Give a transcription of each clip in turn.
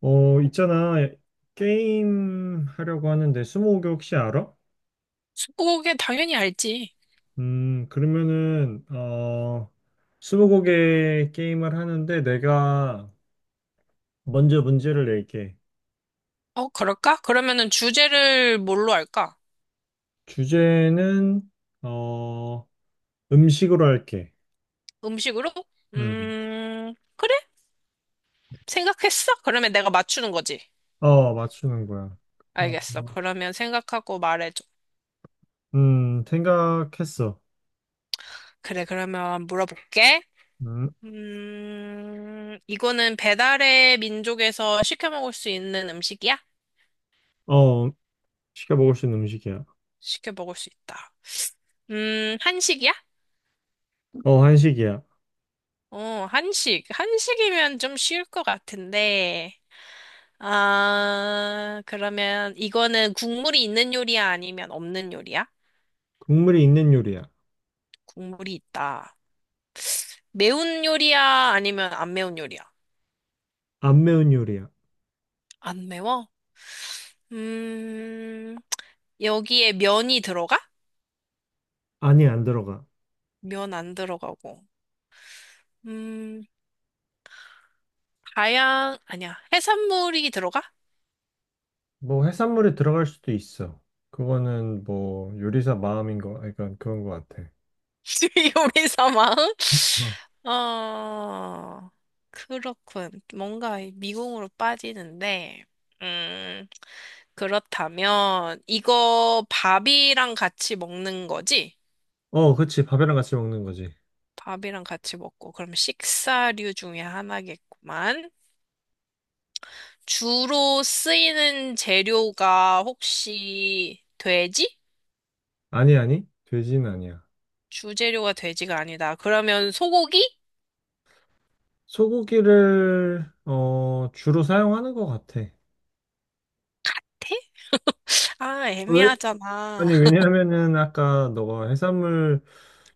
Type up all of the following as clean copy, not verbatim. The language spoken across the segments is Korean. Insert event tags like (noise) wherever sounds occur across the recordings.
있잖아. 게임 하려고 하는데, 스무고개 혹시 알아? 스무고개 당연히 알지. 그러면은, 스무고개 게임을 하는데, 내가 먼저 문제를 낼게. 어, 그럴까? 그러면은 주제를 뭘로 할까? 주제는, 어, 음식으로 할게. 음식으로? 음, 그래? 생각했어? 그러면 내가 맞추는 거지. 어, 맞추는 거야. 어, 알겠어. 그러면 생각하고 말해줘. 생각했어. 그래, 그러면 물어볼게. 음, 이거는 배달의 민족에서 시켜 먹을 수 있는 음식이야? 어, 시켜 먹을 수 있는 음식이야. 시켜 먹을 수 있다. 한식이야? 어, 한식이야. 어, 한식. 한식이면 좀 쉬울 것 같은데. 아, 그러면 이거는 국물이 있는 요리야 아니면 없는 요리야? 국물이 있는 요리야. 국물이 있다. 매운 요리야 아니면 안 매운 요리야? 안 매운 요리야. 안 매워? 음, 여기에 면이 들어가? 아니, 안 들어가. 면 안 들어가고. 음, 아니야. 해산물이 들어가? 뭐 해산물이 들어갈 수도 있어. 그거는 뭐 요리사 마음인 거, 그러니까 그런 거 같아. (laughs) 요리 사망? 어, 어, 그렇군. 뭔가 미궁으로 빠지는데, 음, 그렇다면, 이거 밥이랑 같이 먹는 거지? 어, 그치. 밥이랑 같이 먹는 거지. 밥이랑 같이 먹고, 그럼 식사류 중에 하나겠구만. 주로 쓰이는 재료가 혹시 돼지? 아니, 아니. 돼지는 아니야. 주재료가 돼지가 아니다. 그러면 소고기? 소고기를 주로 사용하는 거 같아. 돼? 아, 왜? 애매하잖아. 아니, (laughs) 왜냐면은 아까 너가 해산물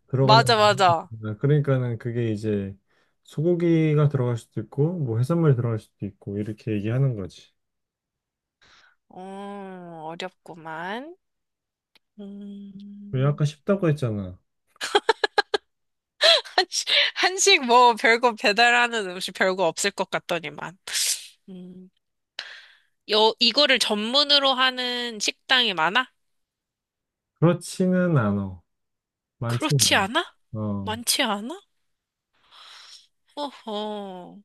들어가냐고 맞아, 맞아. 물어봤잖아. 그러니까는 그게 이제 소고기가 들어갈 수도 있고 뭐 해산물 들어갈 수도 있고 이렇게 얘기하는 거지. 어렵구만. 왜 음, 아까 쉽다고 했잖아. (laughs) 한식, 한식 뭐 별거 배달하는 음식 별거 없을 것 같더니만. 음, 이거를 전문으로 하는 식당이 많아? 그렇지는 않아. 많지는 그렇지 않아. 않아? 어. 많지 않아? 어허,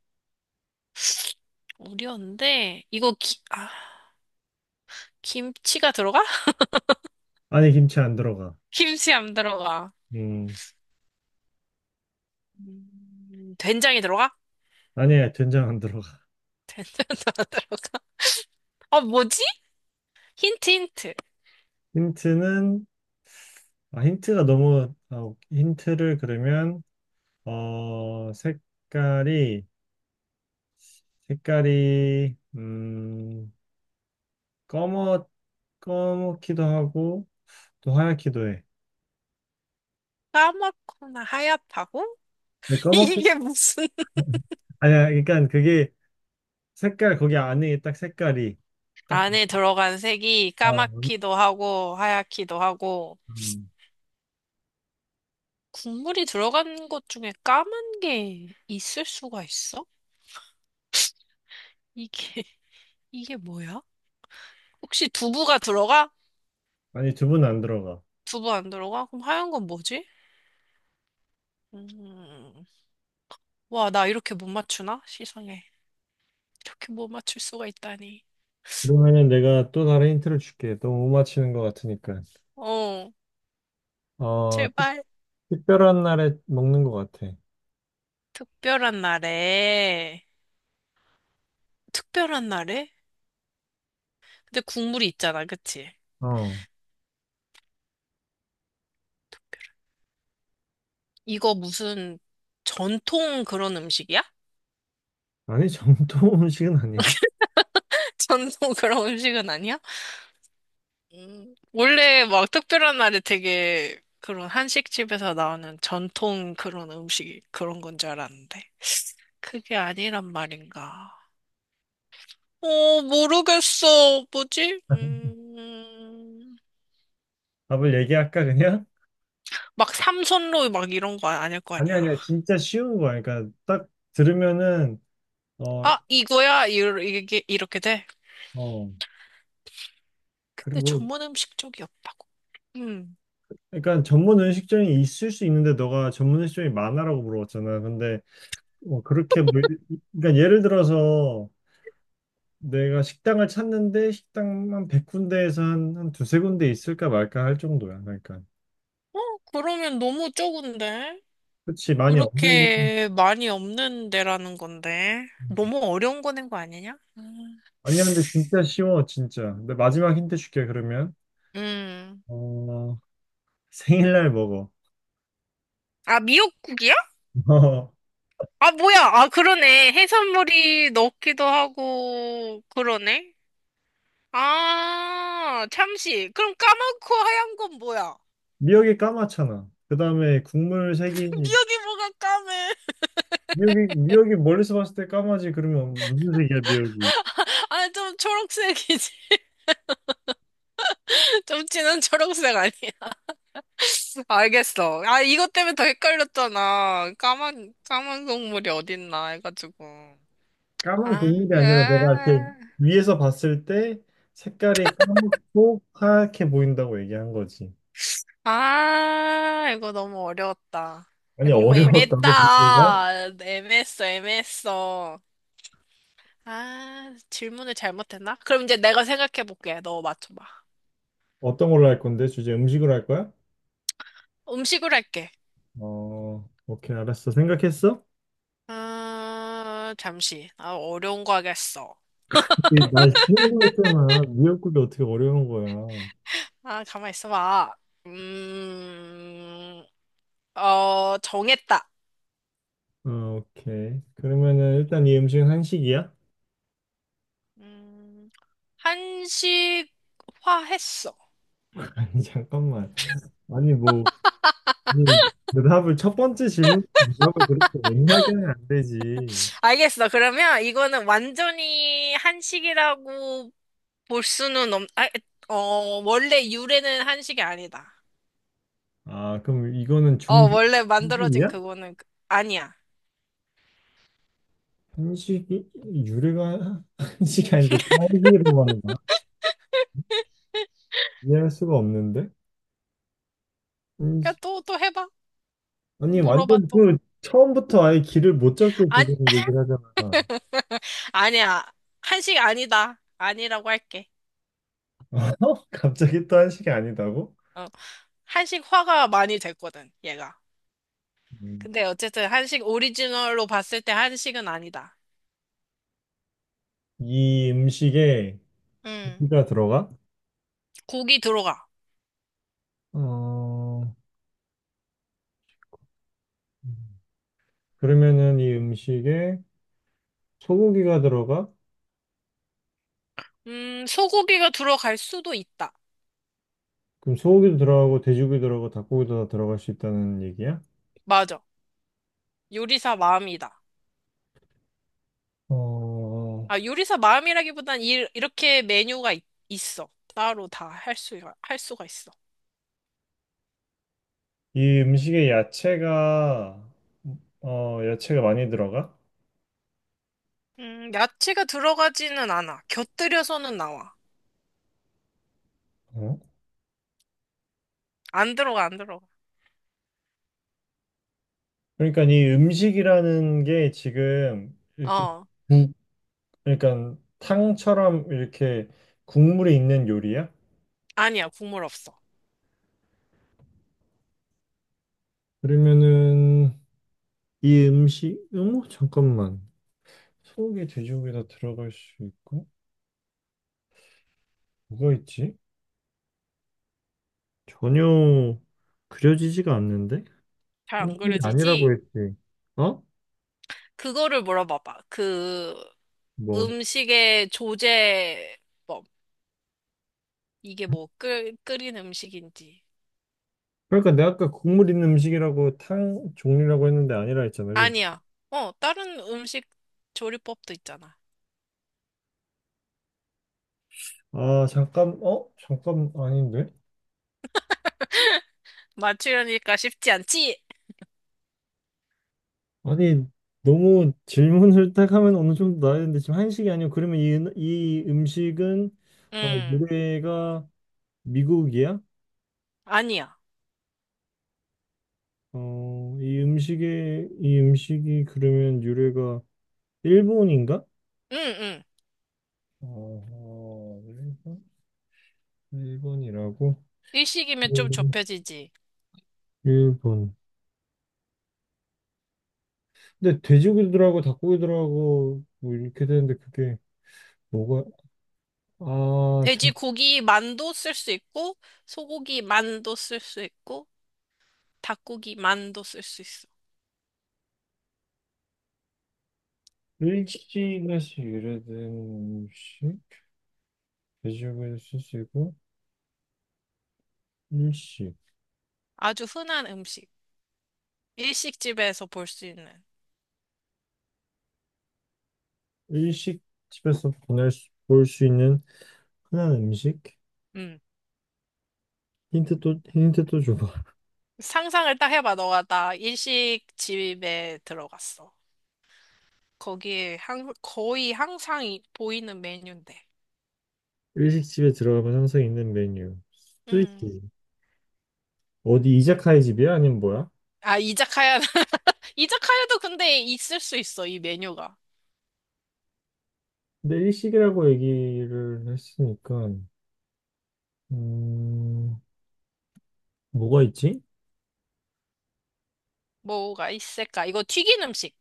어려운데. 김치가 들어가? (laughs) 안에 김치 안 들어가. 김치 안 들어가. 음. 된장이 들어가? 니야 된장 안 들어가. (laughs) 된장도 안 들어가. 아, 뭐지? 힌트, 힌트. 힌트는, 아, 힌트가 너무, 아, 힌트를 그러면, 색깔이, 색깔이, 음, 검어, 검기도 하고, 또 하얗기도 해. 까맣거나 하얗다고? 근데 (laughs) 검어, 이게 무슨 아니야, 그러니까 그게 색깔, 거기 안에 딱 색깔이, 딱, 안에 들어간 색이 아, 까맣기도 하고 하얗기도 하고 음. 국물이 들어간 것 중에 까만 게 있을 수가 있어? 이게 (laughs) 이게 뭐야? 혹시 두부가 들어가? 아니, 두 분 안 들어가. 두부 안 들어가? 그럼 하얀 건 뭐지? 음. 와, 나 이렇게 못 맞추나? 세상에. 이렇게 못 맞출 수가 있다니. 그러면은 내가 또 다른 힌트를 줄게. 너무 못 맞히는 것 같으니까. 어, 어, 제발. 특별한 날에 먹는 것 같아. 특별한 날에. 특별한 날에? 근데 국물이 있잖아, 그치? 어. 이거 무슨 전통 그런 음식이야? 아니, 정통 음식은 아니야. 전통 (laughs) 그런 음식은 아니야? 원래 막 특별한 날에 되게 그런 한식집에서 나오는 전통 그런 음식 그런 건 줄 알았는데. 그게 아니란 말인가. 어, 모르겠어. 뭐지? (laughs) 답을 얘기할까, 그냥? 막 삼선로 막 이런 거 아닐 거 아니, 아니야. 아니야. 진짜 쉬운 거야. 그러니까 딱 들으면은, 어, 아, 이거야? 이게 이렇게 돼? 어. 근데 그리고, 전문 음식 쪽이 없다고. 음. 그러니까 전문 음식점이 있을 수 있는데, 너가 전문 음식점이 많아라고 물어봤잖아. 근데, 뭐, 그렇게, 뭐, 그러니까 예를 들어서, 내가 식당을 찾는데, 식당만 100군데에서 한 두세 군데 있을까 말까 할 정도야. 그러니까. 어, 그러면 너무 적은데? 그렇지, 많이 없는. 그렇게 많이 없는 데라는 건데. 너무 어려운 거낸 거 아니냐? 음. 아니야, 근데 진짜 쉬워, 진짜. 근데 마지막 힌트 줄게, 그러면. 음. 어, 생일날 먹어. 아, 미역국이야? (laughs) 어, 아, 뭐야. 아, 그러네. 해산물이 넣기도 하고, 그러네. 아, 참치. 그럼 까맣고 하얀 건 뭐야? 미역이 까맣잖아. 그 다음에 국물 (laughs) 색이, 미역이 뭐가 까매? 미역이 멀리서 봤을 때 까마지, 그러면 무슨 색이야, 미역이? 아, 좀 초록색이지. (laughs) 좀 진한 초록색 아니야? (laughs) 알겠어. 아, 이것 때문에 더 헷갈렸잖아. 까만 국물이 어딨나 해가지고. 까만 아, 국물이 아니라 내가 이렇게 아, 위에서 봤을 때 색깔이 까맣고 하얗게 보인다고 얘기한 거지. 아, 이거 너무 어려웠다. 아니, 너무 어려웠다고, 보기가? 애매했다. 애매했어, 애매했어. 아, 질문을 잘못했나? 그럼 이제 내가 생각해볼게. 너 맞춰봐. 어떤 걸로 할 건데? 주제 음식으로 할 거야? 음식으로 할게. 오케이, 알았어. 생각했어? 아, 잠시. 아, 어려운 거 하겠어. 이날 쉬운 거잖아 미역국이 어떻게 어려운 거야. 어, 아, 가만 있어봐. 음, 정했다. 오케이. 그러면은 일단 이 음식은 한식이야? 음, 한식화 했어. (laughs) 아니, 잠깐만. 아니, 뭐, 이 대답을 첫 번째 질문 대답을 그렇게 애매하게 하면 안 되지. 알겠어. 그러면 이거는 완전히 한식이라고 볼 수는 없, 아, 어, 원래 유래는 한식이 아니다. 아, 그럼 이거는 어, 원래 만들어진 중식이야? 아니야. 한식이 유래가 (laughs) 한식이 아닌데 또 한식이라고 하는 거야? 이해할 수가 없는데? 야, 한식. 또 해봐. 아니, 물어봐, 완전 또. 그 처음부터 아예 길을 못 잡게 아니, 지금 얘기를 하잖아. (laughs) 아니야. 한식 아니다. 아니라고 할게. (laughs) 어? 갑자기 또 한식이 아니다고? 어, 한식화가 많이 됐거든, 얘가. 음. 근데 어쨌든 한식 오리지널로 봤을 때 한식은 아니다. 이 음식에 음, 고기가 들어가? 고기 들어가. 어, 그러면은 이 음식에 소고기가 들어가? 소고기가 들어갈 수도 있다. 그럼 소고기도 들어가고 돼지고기 들어가고 닭고기도 다 들어갈 수 있다는 얘기야? 맞아. 요리사 마음이다. 어, 아, 요리사 마음이라기보단 이렇게 메뉴가 있어. 따로 할 수가 있어. 이 음식에 야채가 야채가 많이 들어가? 야채가 들어가지는 않아. 곁들여서는 나와. 어? 안 들어가, 안 들어가. 그러니까 이 음식이라는 게 지금 이렇게 어, 국, 그러니까 탕처럼 이렇게 국물이 있는 요리야? 아니야, 국물 없어. 그러면은 이 음식, 어머, 잠깐만. 소고기, 돼지고기 다 들어갈 수 있고, 뭐가 있지? 전혀 그려지지가 않는데? 잘 한안 식이 아니라고 그려지지? 했지. 어? 그거를 물어봐봐. 그 뭐. 음식의 조제법. 이게 뭐 끓인 음식인지. 그러니까 내가 아까 국물 있는 음식이라고 탕 종류라고 했는데 아니라 했잖아. 그 아니야. 어, 다른 음식 조리법도 있잖아. 아, 잠깐, 어? 잠깐, 아닌데? 맞추려니까 쉽지 않지? 아니, 너무 질문을 딱 하면 어느 정도 나야 되는데, 지금 한식이 아니고, 그러면 이, 이 음식은, 어, 음, 노래가 미국이야? 아니야. 이 음식의, 이 음식이 그러면 유래가 일본인가? 응응. 어, 일본? 일본이라고? 일식이면 좀 음. 좁혀지지. 일본. 근데 돼지고기 들어가고 닭고기 들어가고 뭐 이렇게 되는데 그게 뭐가, 아, 참. 돼지고기 만도 쓸 수 있고, 소고기 만도 쓸 수 있고, 닭고기 만도 쓸 수 있어. 일식에서 유래된 음식? 돼지고기를 쓸수 있고, 일식. 아주 흔한 음식. 일식집에서 볼 수 있는. 일식 집에서 보낼 수, 볼 수 있는 흔한 음식? 음. 힌트 또 줘. 상상을 딱 해봐. 너가 나 일식집에 들어갔어. 거의 항상 보이는 메뉴인데. 일식집에 들어가면 항상 있는 메뉴. 음. 스시지. 어디 이자카야 집이야? 아니면 뭐야? 아, 이자카야. (laughs) 이자카야도 근데 있을 수 있어, 이 메뉴가. 근데 일식이라고 얘기를 했으니까 음, 뭐가 있지? 뭐가 있을까? 이거 튀긴 음식.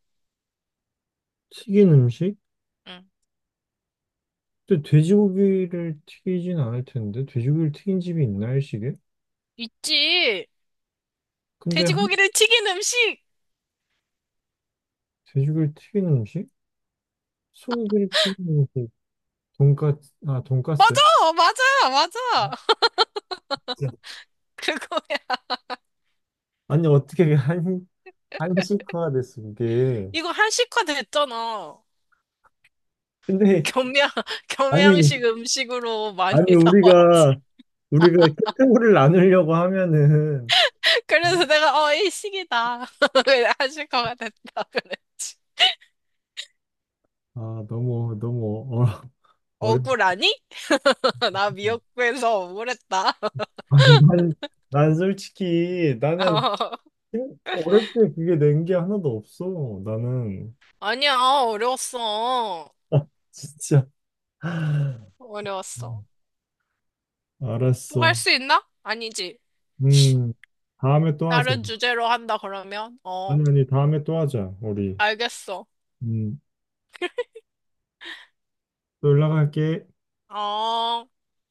튀긴 음식? 응. 근데 돼지고기를 튀기진 않을 텐데 돼지고기를 튀긴 집이 있나 일식에? 있지. 근데 돼지고기를 튀긴 음식! 돼지고기를 튀긴 음식? 소고기를 튀긴 음식? 돈까스 아 돈까스? 맞아! 맞아! 맞아! (laughs) 야, 그거야. 아니 어떻게 그게 한 한식화가 됐어 그게 이거 한식화 됐잖아. 근데 겸양, (laughs) 아니 겸양식 음식으로 많이 아니 (laughs) 나왔지. 우리가 카테고리를 나누려고 하면은 그래서 내가, 어, 일식이다. (laughs) 그래, 한식화가 됐다. 그랬지. 아 너무 너무 어렵. 억울하니? (laughs) 나 미역국에서 억울했다. (laughs) 아니 난 솔직히 나는 어, 어릴 때 그게 낸 게 하나도 없어. 나는 아니야, 어려웠어. 아, 진짜 어려웠어. 음, 또 할 알았어. 수 있나? 아니지. 음 다음에 또 하자. 다른 주제로 한다, 그러면? 어, 아니 아니 다음에 또 하자 우리. 알겠어. 음또 연락할게. 어.